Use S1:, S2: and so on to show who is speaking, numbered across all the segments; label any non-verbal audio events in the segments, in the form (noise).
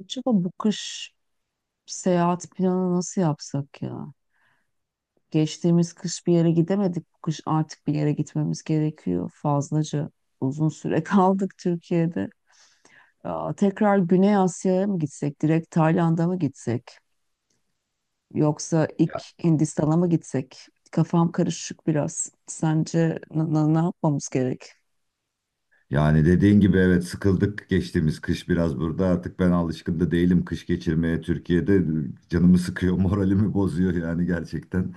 S1: Acaba bu kış seyahat planı nasıl yapsak ya? Geçtiğimiz kış bir yere gidemedik. Bu kış artık bir yere gitmemiz gerekiyor. Fazlaca uzun süre (laughs) kaldık Türkiye'de. Aa, tekrar Güney Asya'ya mı gitsek? Direkt Tayland'a mı gitsek? Yoksa ilk
S2: Ya,
S1: Hindistan'a mı gitsek? Kafam karışık biraz. Sence ne yapmamız gerek?
S2: yani dediğin gibi, evet, sıkıldık geçtiğimiz kış biraz burada. Artık ben alışkın da değilim kış geçirmeye Türkiye'de, canımı sıkıyor (laughs) moralimi bozuyor yani gerçekten.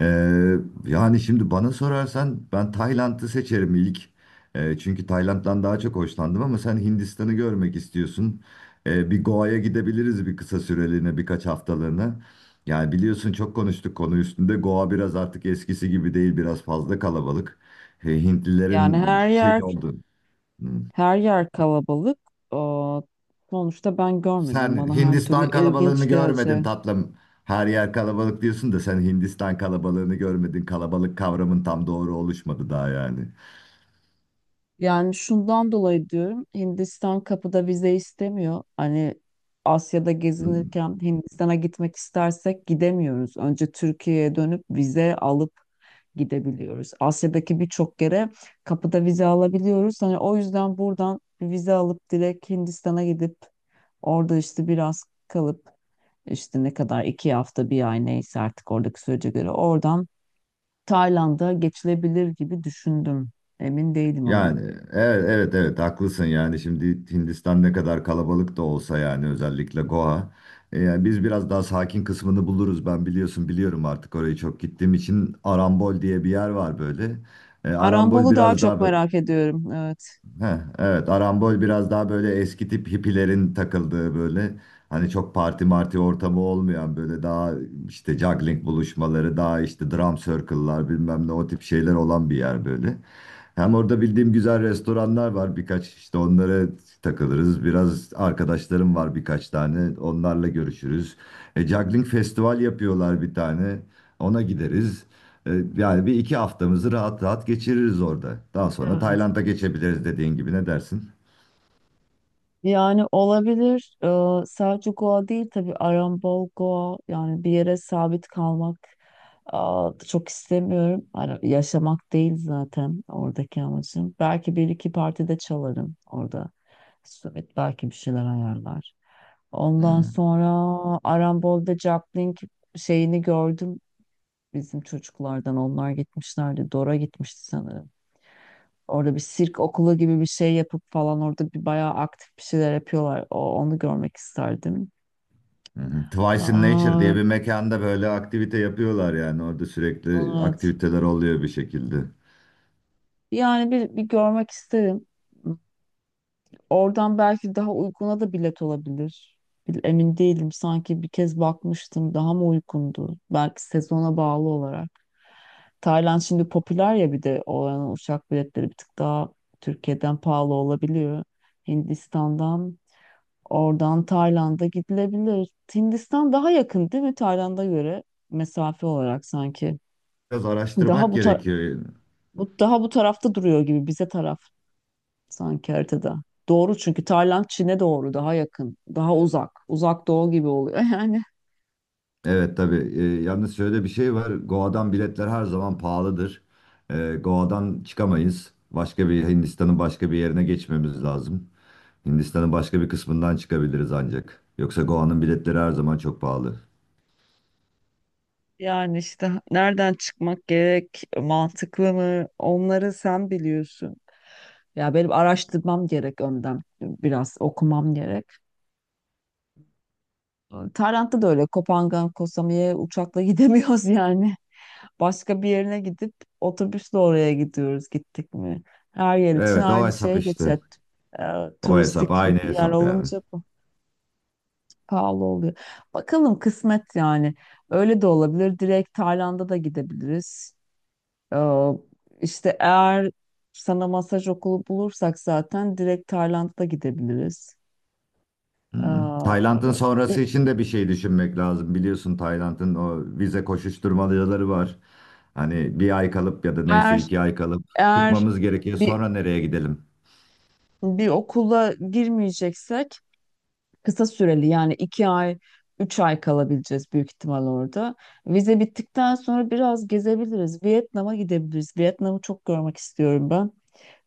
S2: Ee, Yani şimdi bana sorarsan ben Tayland'ı seçerim ilk. Çünkü Tayland'dan daha çok hoşlandım ama sen Hindistan'ı görmek istiyorsun. Bir Goa'ya gidebiliriz bir kısa süreliğine, birkaç haftalığına. Yani biliyorsun, çok konuştuk konu üstünde, Goa biraz artık eskisi gibi değil, biraz fazla kalabalık.
S1: Yani
S2: Hintlilerin şey oldu. Hmm.
S1: her yer kalabalık. Aa, sonuçta ben görmedim.
S2: Sen
S1: Bana her türlü
S2: Hindistan kalabalığını
S1: ilginç gelecek.
S2: görmedin tatlım. Her yer kalabalık diyorsun da sen Hindistan kalabalığını görmedin. Kalabalık kavramın tam doğru oluşmadı daha yani.
S1: Yani şundan dolayı diyorum, Hindistan kapıda vize istemiyor. Hani Asya'da gezinirken Hindistan'a gitmek istersek gidemiyoruz. Önce Türkiye'ye dönüp vize alıp gidebiliyoruz. Asya'daki birçok yere kapıda vize alabiliyoruz. Hani o yüzden buradan bir vize alıp direkt Hindistan'a gidip orada işte biraz kalıp işte ne kadar 2 hafta 1 ay neyse artık oradaki sürece göre oradan Tayland'a geçilebilir gibi düşündüm. Emin değilim ama.
S2: Yani evet, evet, evet, haklısın. Yani şimdi Hindistan ne kadar kalabalık da olsa, yani özellikle Goa. E, yani biz biraz daha sakin kısmını buluruz, ben biliyorsun, biliyorum artık orayı, çok gittiğim için. Arambol diye bir yer var böyle. E, Arambol
S1: Arambolu daha
S2: biraz daha
S1: çok merak ediyorum. Evet.
S2: heh, evet, Arambol biraz daha böyle eski tip hippilerin takıldığı, böyle hani çok parti marti ortamı olmayan, böyle daha işte juggling buluşmaları, daha işte drum circle'lar, bilmem ne, o tip şeyler olan bir yer böyle. Hem orada bildiğim güzel restoranlar var birkaç, işte onlara takılırız. Biraz arkadaşlarım var birkaç tane, onlarla görüşürüz. E, juggling festival yapıyorlar bir tane, ona gideriz. E, yani bir iki haftamızı rahat rahat geçiririz orada. Daha sonra
S1: Evet.
S2: Tayland'a geçebiliriz dediğin gibi, ne dersin?
S1: Yani olabilir. Sadece Goa değil tabii, Arambol Goa, yani bir yere sabit kalmak çok istemiyorum. Yaşamak değil zaten oradaki amacım. Belki bir iki partide çalarım orada. Evet, belki bir şeyler ayarlar. Ondan
S2: Hmm.
S1: sonra Arambol'da juggling şeyini gördüm. Bizim çocuklardan onlar gitmişlerdi. Dora gitmişti sanırım. Orada bir sirk okulu gibi bir şey yapıp falan orada bir bayağı aktif bir şeyler yapıyorlar. Onu görmek isterdim.
S2: Hı hı. Twice in Nature
S1: Aa,
S2: diye bir mekanda böyle aktivite yapıyorlar, yani orada sürekli
S1: evet.
S2: aktiviteler oluyor bir şekilde.
S1: Yani bir görmek isterim. Oradan belki daha uykuna da bilet olabilir. Emin değilim. Sanki bir kez bakmıştım. Daha mı uykundu? Belki sezona bağlı olarak. Tayland şimdi popüler ya, bir de oranın uçak biletleri bir tık daha Türkiye'den pahalı olabiliyor. Hindistan'dan oradan Tayland'a gidilebilir. Hindistan daha yakın değil mi Tayland'a göre mesafe olarak sanki.
S2: Biraz
S1: Daha
S2: araştırmak gerekiyor.
S1: bu tarafta duruyor gibi, bize taraf sanki haritada. Doğru, çünkü Tayland Çin'e doğru daha yakın, daha uzak. Uzak doğu gibi oluyor (laughs) yani.
S2: Evet tabii. Yalnız şöyle bir şey var: Goa'dan biletler her zaman pahalıdır. Goa'dan çıkamayız. Başka bir Hindistan'ın başka bir yerine geçmemiz lazım. Hindistan'ın başka bir kısmından çıkabiliriz ancak. Yoksa Goa'nın biletleri her zaman çok pahalı.
S1: Yani işte nereden çıkmak gerek, mantıklı mı? Onları sen biliyorsun. Ya benim araştırmam gerek önden. Biraz okumam gerek. Tayland'da da öyle, Kopangan, Koh Samui'ye uçakla (laughs) gidemiyoruz yani. Başka bir yerine gidip otobüsle oraya gidiyoruz gittik mi? Her yer için
S2: Evet, o
S1: aynı
S2: hesap
S1: şey geçer.
S2: işte.
S1: Ee,
S2: O hesap,
S1: Turistik
S2: aynı
S1: yer
S2: hesap yani.
S1: olunca bu pahalı oluyor. Bakalım kısmet yani. Öyle de olabilir. Direkt Tayland'a da gidebiliriz. Ee, işte eğer sana masaj okulu bulursak zaten direkt Tayland'a gidebiliriz.
S2: Hı hı.
S1: Ee,
S2: Tayland'ın sonrası için de bir şey düşünmek lazım. Biliyorsun Tayland'ın o vize koşuşturmacaları var. Hani bir ay kalıp ya da neyse,
S1: eğer
S2: iki ay kalıp
S1: Eğer
S2: çıkmamız gerekiyor.
S1: bir
S2: Sonra nereye gidelim?
S1: bir okula girmeyeceksek kısa süreli, yani 2 ay, 3 ay kalabileceğiz büyük ihtimal orada. Vize bittikten sonra biraz gezebiliriz. Vietnam'a gidebiliriz. Vietnam'ı çok görmek istiyorum ben.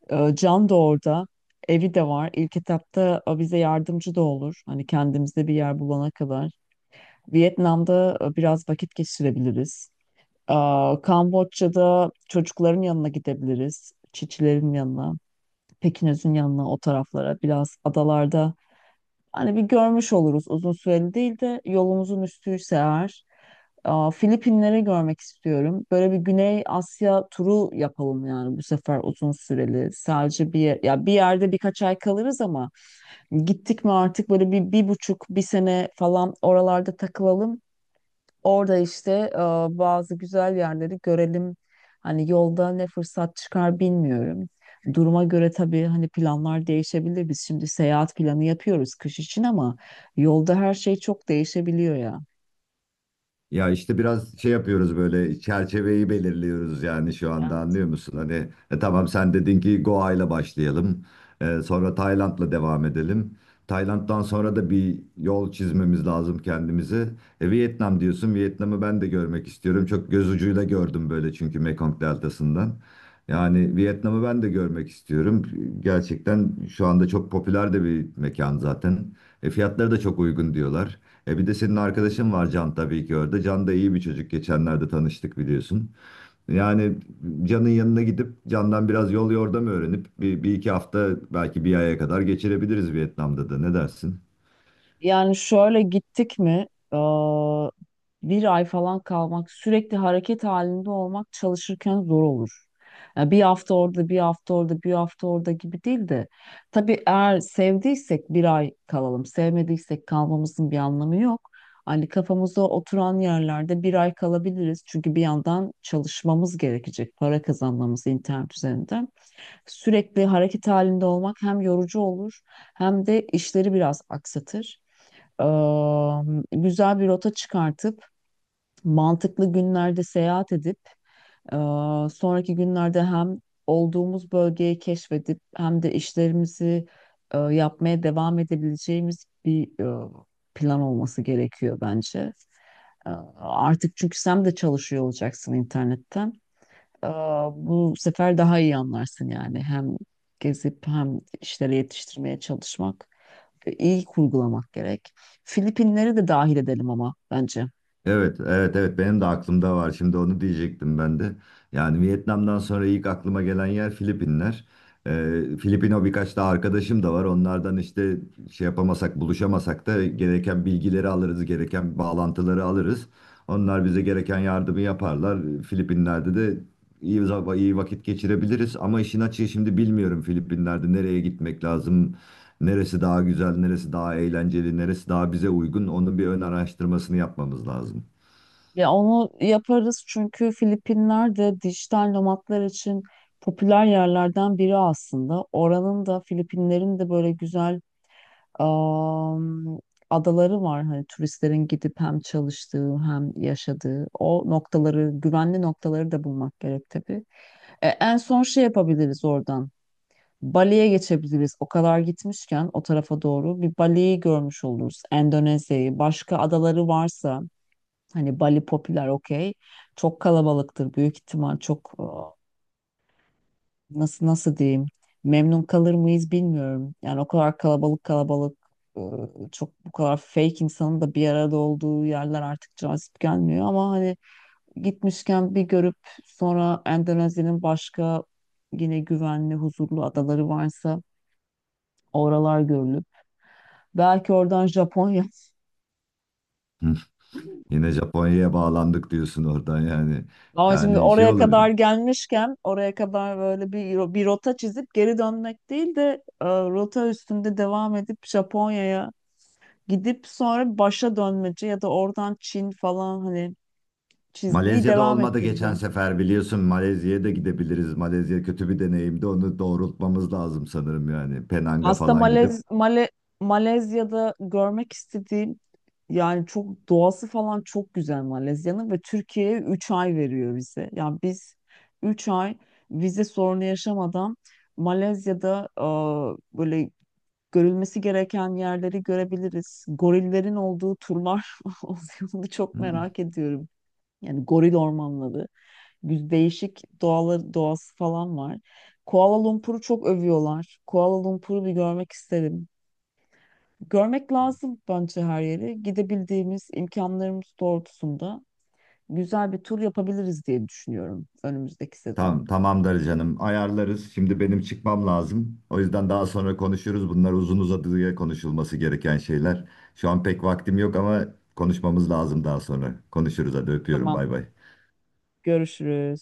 S1: Can da orada. Evi de var. İlk etapta bize yardımcı da olur. Hani kendimize bir yer bulana kadar. Vietnam'da biraz vakit geçirebiliriz. Ee, Kamboçya'da çocukların yanına gidebiliriz. Çiçilerin yanına. Pekinöz'ün yanına, o taraflara biraz, adalarda, hani bir görmüş oluruz uzun süreli değil de yolumuzun üstüyse eğer. Aa, Filipinleri görmek istiyorum. Böyle bir Güney Asya turu yapalım yani, bu sefer uzun süreli. Sadece bir yer, ya bir yerde birkaç ay kalırız ama gittik mi artık böyle bir, bir buçuk, bir sene falan oralarda takılalım. Orada işte bazı güzel yerleri görelim. Hani yolda ne fırsat çıkar bilmiyorum. Duruma göre tabii, hani planlar değişebilir. Biz şimdi seyahat planı yapıyoruz kış için ama yolda her şey çok değişebiliyor ya.
S2: Ya işte biraz şey yapıyoruz, böyle çerçeveyi belirliyoruz yani şu anda,
S1: Evet,
S2: anlıyor musun? Hani e, tamam, sen dedin ki Goa ile başlayalım. E, sonra Tayland'la devam edelim. Tayland'dan sonra da bir yol çizmemiz lazım kendimize. E, Vietnam diyorsun. Vietnam'ı ben de görmek istiyorum. Çok göz ucuyla gördüm böyle, çünkü Mekong Deltası'ndan. Yani Vietnam'ı ben de görmek istiyorum. Gerçekten şu anda çok popüler de bir mekan zaten. E, fiyatları da çok uygun diyorlar. E, bir de senin
S1: evet.
S2: arkadaşın var Can, tabii ki orada. Can da iyi bir çocuk, geçenlerde tanıştık biliyorsun. Yani Can'ın yanına gidip Can'dan biraz yol yordam öğrenip bir iki hafta, belki bir aya kadar geçirebiliriz Vietnam'da da. Ne dersin?
S1: Yani şöyle, gittik mi eee, 1 ay falan kalmak, sürekli hareket halinde olmak çalışırken zor olur. Yani bir hafta orada, bir hafta orada, bir hafta orada gibi değil de tabii eğer sevdiysek 1 ay kalalım, sevmediysek kalmamızın bir anlamı yok. Hani kafamıza oturan yerlerde 1 ay kalabiliriz çünkü bir yandan çalışmamız gerekecek, para kazanmamız internet üzerinden. Sürekli hareket halinde olmak hem yorucu olur hem de işleri biraz aksatır. Güzel bir rota çıkartıp mantıklı günlerde seyahat edip, eee, sonraki günlerde hem olduğumuz bölgeyi keşfedip hem de işlerimizi yapmaya devam edebileceğimiz bir plan olması gerekiyor bence. Artık çünkü sen de çalışıyor olacaksın internetten. Eee, Bu sefer daha iyi anlarsın yani, hem gezip hem işleri yetiştirmeye çalışmak, iyi kurgulamak gerek. Filipinleri de dahil edelim ama bence.
S2: Evet, evet, evet. Benim de aklımda var. Şimdi onu diyecektim ben de. Yani Vietnam'dan sonra ilk aklıma gelen yer Filipinler. Filipino birkaç da arkadaşım da var. Onlardan işte şey yapamasak, buluşamasak da gereken bilgileri alırız, gereken bağlantıları alırız. Onlar bize gereken yardımı yaparlar. Filipinler'de de İyi iyi vakit geçirebiliriz ama işin açığı, şimdi bilmiyorum Filipinler'de nereye gitmek lazım. Neresi daha güzel, neresi daha eğlenceli, neresi daha bize uygun, onun bir ön araştırmasını yapmamız lazım.
S1: Ya onu yaparız çünkü Filipinler de dijital nomadlar için popüler yerlerden biri aslında. Oranın da, Filipinlerin de böyle güzel am, adaları var. Hani turistlerin gidip hem çalıştığı hem yaşadığı o noktaları, güvenli noktaları da bulmak gerek tabii. E, en son şey yapabiliriz oradan. Bali'ye geçebiliriz. O kadar gitmişken o tarafa doğru bir Bali'yi görmüş oluruz. Endonezya'yı, başka adaları varsa, hani Bali popüler, okey. Çok kalabalıktır büyük ihtimal, çok nasıl diyeyim, memnun kalır mıyız bilmiyorum. Yani o kadar kalabalık kalabalık, e, çok, bu kadar fake insanın da bir arada olduğu yerler artık cazip gelmiyor ama hani gitmişken bir görüp sonra Endonezya'nın başka yine güvenli, huzurlu adaları varsa oralar görülüp belki oradan Japonya. (laughs)
S2: Hı. Yine Japonya'ya bağlandık diyorsun oradan yani.
S1: Ama şimdi
S2: Yani şey
S1: oraya kadar
S2: olabilir.
S1: gelmişken, oraya kadar böyle bir rota çizip geri dönmek değil de, rota üstünde devam edip Japonya'ya gidip sonra başa dönmece, ya da oradan Çin falan, hani çizgiyi
S2: Malezya'da
S1: devam
S2: olmadı geçen
S1: ettireceğim.
S2: sefer biliyorsun, Malezya'ya da gidebiliriz. Malezya kötü bir deneyimdi, onu doğrultmamız lazım sanırım yani. Penang'a
S1: Aslında
S2: falan gidip.
S1: Malezya'da görmek istediğim, yani çok doğası falan çok güzel Malezya'nın, ve Türkiye'ye 3 ay veriyor vize. Yani biz 3 ay vize sorunu yaşamadan Malezya'da böyle görülmesi gereken yerleri görebiliriz. Gorillerin olduğu turlar (laughs) oluyor. Onu çok
S2: Hı.
S1: merak ediyorum. Yani goril ormanları. Değişik doğaları, doğası falan var. Kuala Lumpur'u çok övüyorlar. Kuala Lumpur'u bir görmek isterim. Görmek lazım bence her yeri. Gidebildiğimiz, imkanlarımız doğrultusunda güzel bir tur yapabiliriz diye düşünüyorum önümüzdeki sezon.
S2: Tamam, tamamdır canım. Ayarlarız. Şimdi benim çıkmam lazım, o yüzden daha sonra konuşuruz. Bunlar uzun uzadıya konuşulması gereken şeyler. Şu an pek vaktim yok ama konuşmamız lazım daha sonra. Konuşuruz, hadi öpüyorum.
S1: Tamam,
S2: Bay bay.
S1: görüşürüz.